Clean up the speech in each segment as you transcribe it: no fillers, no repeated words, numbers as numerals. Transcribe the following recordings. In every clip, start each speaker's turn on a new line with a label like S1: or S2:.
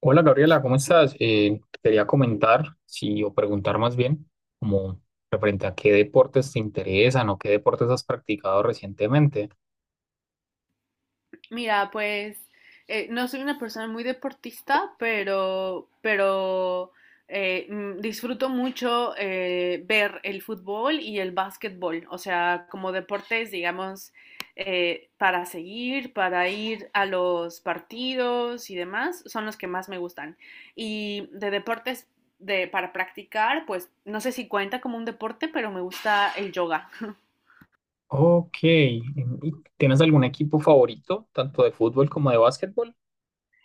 S1: Hola Gabriela, ¿cómo estás? Quería comentar, sí, o preguntar más bien, como referente a qué deportes te interesan o qué deportes has practicado recientemente.
S2: Mira, pues no soy una persona muy deportista, pero disfruto mucho ver el fútbol y el básquetbol, o sea, como deportes, digamos, para seguir, para ir a los partidos y demás, son los que más me gustan. Y de deportes de, para practicar, pues no sé si cuenta como un deporte, pero me gusta el yoga.
S1: Ok, ¿tienes algún equipo favorito, tanto de fútbol como de básquetbol?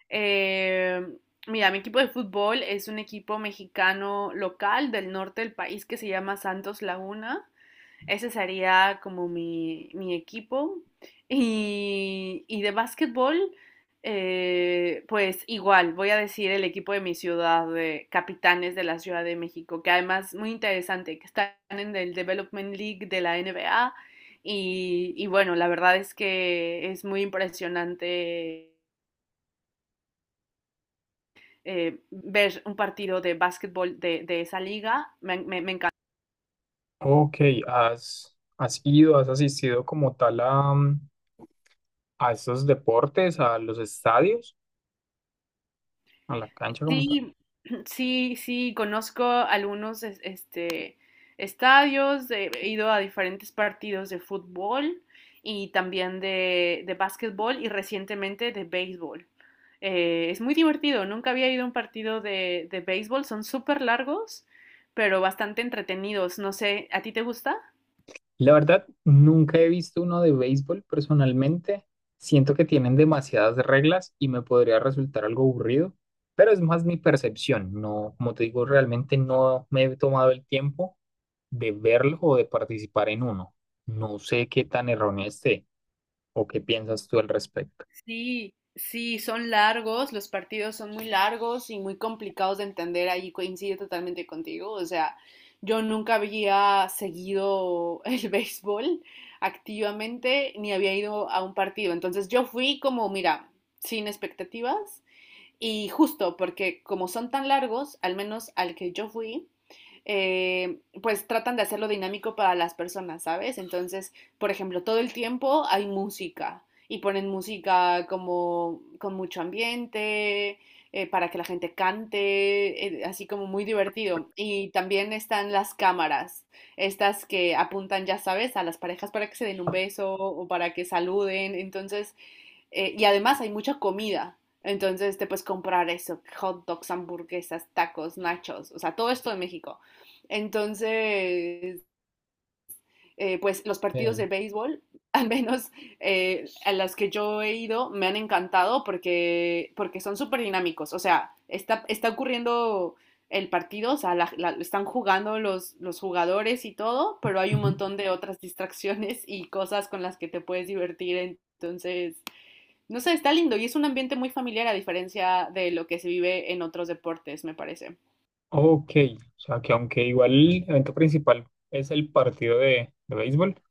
S2: Eh, mira, mi equipo de fútbol es un equipo mexicano local del norte del país que se llama Santos Laguna. Ese sería como mi equipo. Y de básquetbol, pues igual, voy a decir el equipo de mi ciudad, de Capitanes de la Ciudad de México, que además muy interesante, que están en el Development League de la NBA. Y bueno, la verdad es que es muy impresionante ver un partido de básquetbol de esa liga. Me encanta.
S1: Ok, ¿has, has ido, has asistido como tal a, a esos deportes, a los estadios, a la cancha como tal?
S2: Sí, sí, sí, conozco algunos estadios, he ido a diferentes partidos de fútbol y también de básquetbol y recientemente de béisbol. Es muy divertido, nunca había ido a un partido de béisbol, son súper largos, pero bastante entretenidos. No sé, ¿a ti te gusta?
S1: La verdad, nunca he visto uno de béisbol personalmente. Siento que tienen demasiadas reglas y me podría resultar algo aburrido, pero es más mi percepción. No, como te digo, realmente no me he tomado el tiempo de verlo o de participar en uno. No sé qué tan erróneo esté o qué piensas tú al respecto.
S2: Sí, sí, son largos, los partidos son muy largos y muy complicados de entender, ahí coincido totalmente contigo, o sea, yo nunca había seguido el béisbol activamente ni había ido a un partido, entonces yo fui como, mira, sin expectativas. Y justo porque como son tan largos, al menos al que yo fui, pues tratan de hacerlo dinámico para las personas, ¿sabes? Entonces, por ejemplo, todo el tiempo hay música y ponen música como con mucho ambiente, para que la gente cante, así como muy divertido. Y también están las cámaras, estas que apuntan, ya sabes, a las parejas para que se den un beso o para que saluden. Entonces, y además hay mucha comida. Entonces te puedes comprar eso, hot dogs, hamburguesas, tacos, nachos, o sea, todo esto en México. Entonces, pues los partidos
S1: Eh,
S2: de béisbol, al menos a las que yo he ido, me han encantado porque son súper dinámicos. O sea, está ocurriendo el partido, o sea, están jugando los jugadores y todo, pero hay un
S1: Ujú.
S2: montón de otras distracciones y cosas con las que te puedes divertir. Entonces, no sé, está lindo y es un ambiente muy familiar a diferencia de lo que se vive en otros deportes, me parece.
S1: Ok, o sea que aunque igual el evento principal es el partido de béisbol,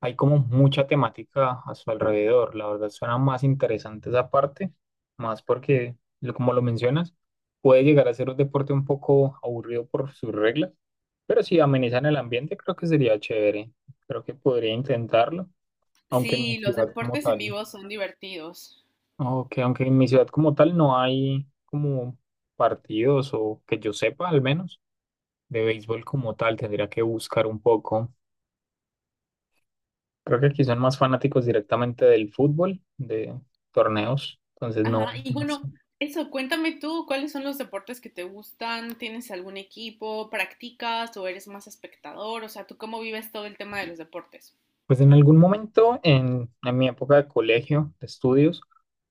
S1: hay como mucha temática a su alrededor. La verdad suena más interesante esa parte, más porque, lo- como lo mencionas, puede llegar a ser un deporte un poco aburrido por sus reglas, pero si amenizan el ambiente, creo que sería chévere. Creo que podría intentarlo, aunque en mi
S2: Sí, los
S1: ciudad como
S2: deportes en
S1: tal,
S2: vivo son divertidos.
S1: aunque, aunque en mi ciudad como tal no hay como partidos, o que yo sepa al menos de béisbol como tal, tendría que buscar un poco. Creo que aquí son más fanáticos directamente del fútbol, de torneos, entonces no,
S2: Ajá, y
S1: no
S2: bueno,
S1: sé.
S2: eso, cuéntame tú, ¿cuáles son los deportes que te gustan? ¿Tienes algún equipo? ¿Practicas o eres más espectador? O sea, ¿tú cómo vives todo el tema de los deportes?
S1: Pues en algún momento, en mi época de colegio, de estudios,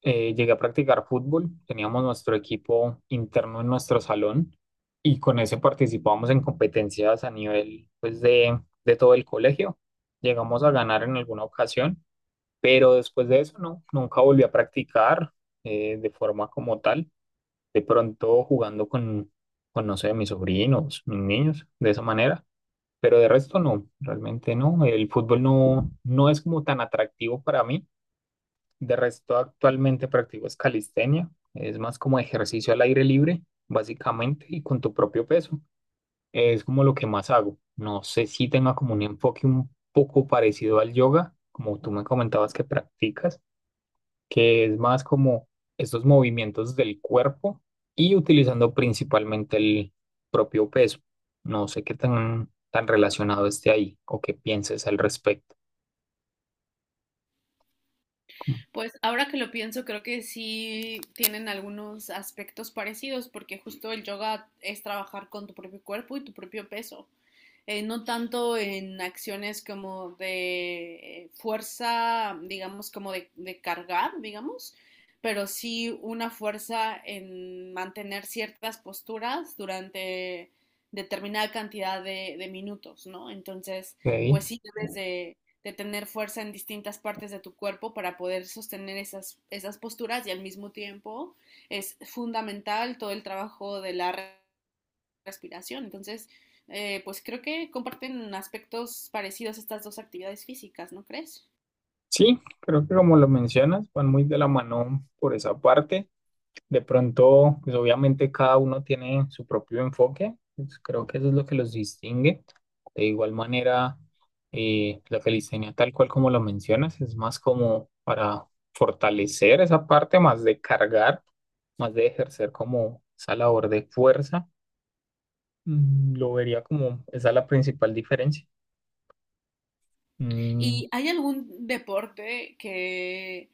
S1: llegué a practicar fútbol. Teníamos nuestro equipo interno en nuestro salón y con ese participábamos en competencias a nivel, pues, de todo el colegio. Llegamos a ganar en alguna ocasión, pero después de eso, no, nunca volví a practicar, de forma como tal. De pronto jugando con, no sé, mis sobrinos, mis niños, de esa manera. Pero de resto no, realmente no. El fútbol no, no es como tan atractivo para mí. De resto actualmente practico es calistenia. Es más como ejercicio al aire libre, básicamente, y con tu propio peso. Es como lo que más hago. No sé si tenga como un enfoque un poco parecido al yoga, como tú me comentabas que practicas, que es más como estos movimientos del cuerpo y utilizando principalmente el propio peso. No sé qué tan, tan relacionado esté ahí o qué pienses al respecto.
S2: Pues ahora que lo pienso, creo que sí tienen algunos aspectos parecidos, porque justo el yoga es trabajar con tu propio cuerpo y tu propio peso. No tanto en acciones como de fuerza, digamos, como de cargar, digamos, pero sí una fuerza en mantener ciertas posturas durante determinada cantidad de minutos, ¿no? Entonces, pues
S1: Ok.
S2: sí debes de tener fuerza en distintas partes de tu cuerpo para poder sostener esas posturas y al mismo tiempo es fundamental todo el trabajo de la respiración. Entonces, pues creo que comparten aspectos parecidos estas dos actividades físicas, ¿no crees?
S1: Sí, creo que como lo mencionas, van muy de la mano por esa parte. De pronto, pues obviamente cada uno tiene su propio enfoque, pues, creo que eso es lo que los distingue. De igual manera, la calistenia, tal cual como lo mencionas, es más como para fortalecer esa parte, más de cargar, más de ejercer como esa labor de fuerza. Lo vería como esa la principal diferencia. Mm,
S2: ¿Y hay algún deporte que,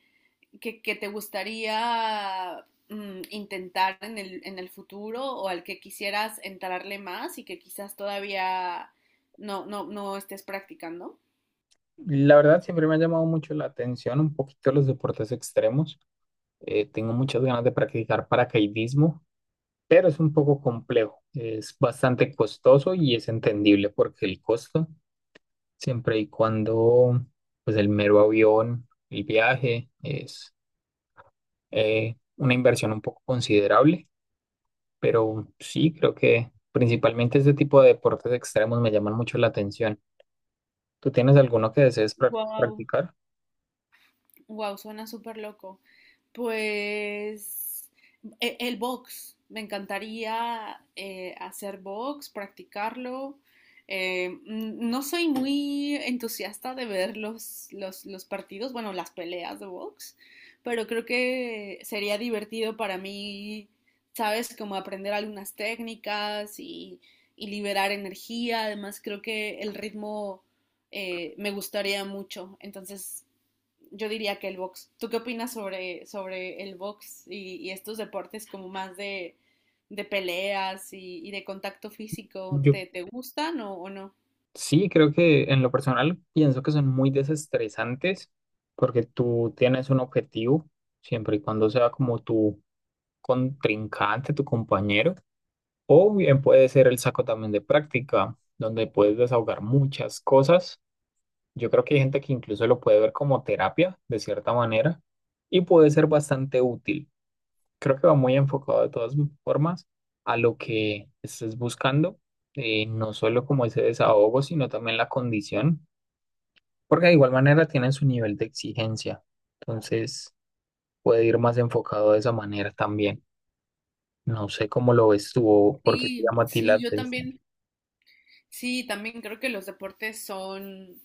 S2: que, que te gustaría intentar en en el futuro o al que quisieras entrarle más y que quizás todavía no estés practicando?
S1: La verdad, siempre me ha llamado mucho la atención un poquito los deportes extremos. Tengo muchas ganas de practicar paracaidismo, pero es un poco complejo, es bastante costoso y es entendible porque el costo, siempre y cuando, pues el mero avión, el viaje, es una inversión un poco considerable, pero sí, creo que principalmente este tipo de deportes extremos me llaman mucho la atención. ¿Tú tienes alguno que desees
S2: Wow.
S1: practicar?
S2: Wow, suena súper loco. Pues el box, me encantaría hacer box, practicarlo. No soy muy entusiasta de ver los partidos, bueno, las peleas de box, pero creo que sería divertido para mí, ¿sabes? Como aprender algunas técnicas y liberar energía. Además, creo que el ritmo me gustaría mucho. Entonces, yo diría que el box. ¿Tú qué opinas sobre, sobre el box y estos deportes como más de peleas y, de contacto físico?
S1: Yo
S2: ¿Te, te gustan o no?
S1: sí, creo que en lo personal pienso que son muy desestresantes porque tú tienes un objetivo, siempre y cuando sea como tú contrincante, tu compañero, o bien puede ser el saco también de práctica, donde puedes desahogar muchas cosas. Yo creo que hay gente que incluso lo puede ver como terapia, de cierta manera, y puede ser bastante útil. Creo que va muy enfocado de todas formas a lo que estés buscando, no solo como ese desahogo, sino también la condición, porque de igual manera tienen su nivel de exigencia. Entonces puede ir más enfocado de esa manera también. No sé cómo lo ves tú o por qué te
S2: Sí,
S1: llama a ti la
S2: sí, yo
S1: atención.
S2: también. Sí, también creo que los deportes son,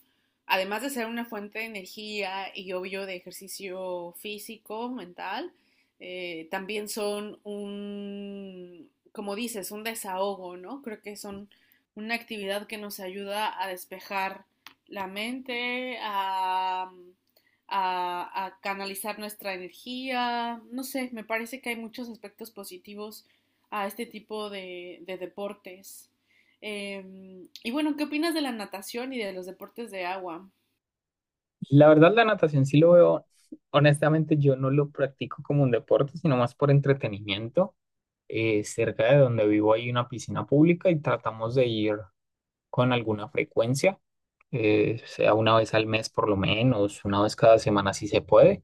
S2: además de ser una fuente de energía y obvio de ejercicio físico, mental, también son un, como dices, un desahogo, ¿no? Creo que son una actividad que nos ayuda a despejar la mente, a canalizar nuestra energía, no sé, me parece que hay muchos aspectos positivos a este tipo de deportes. Y bueno, ¿qué opinas de la natación y de los deportes de agua?
S1: La verdad, la natación sí lo veo. Honestamente, yo no lo practico como un deporte, sino más por entretenimiento. Cerca de donde vivo hay una piscina pública y tratamos de ir con alguna frecuencia, sea una vez al mes por lo menos, una vez cada semana si se puede.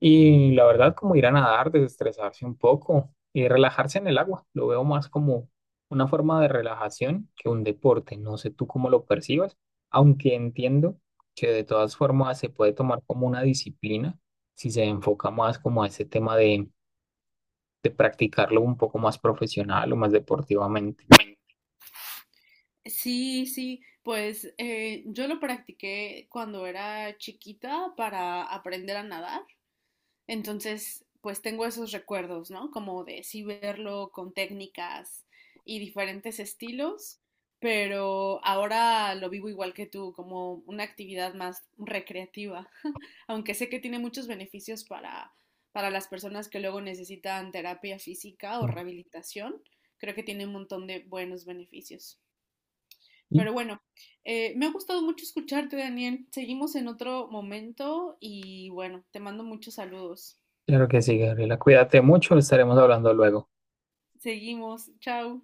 S1: Y la verdad, como ir a nadar, desestresarse un poco y relajarse en el agua. Lo veo más como una forma de relajación que un deporte. No sé tú cómo lo percibas, aunque entiendo que de todas formas se puede tomar como una disciplina si se enfoca más como a ese tema de practicarlo un poco más profesional o más deportivamente.
S2: Sí, sí, pues yo lo practiqué cuando era chiquita para aprender a nadar. Entonces, pues tengo esos recuerdos, ¿no? Como de sí verlo con técnicas y diferentes estilos, pero ahora lo vivo igual que tú, como una actividad más recreativa, aunque sé que tiene muchos beneficios para las personas que luego necesitan terapia física o rehabilitación, creo que tiene un montón de buenos beneficios.
S1: Y
S2: Pero bueno, me ha gustado mucho escucharte, Daniel. Seguimos en otro momento y bueno, te mando muchos saludos.
S1: claro que sí, Gabriela, cuídate mucho, estaremos hablando luego.
S2: Seguimos. Chao.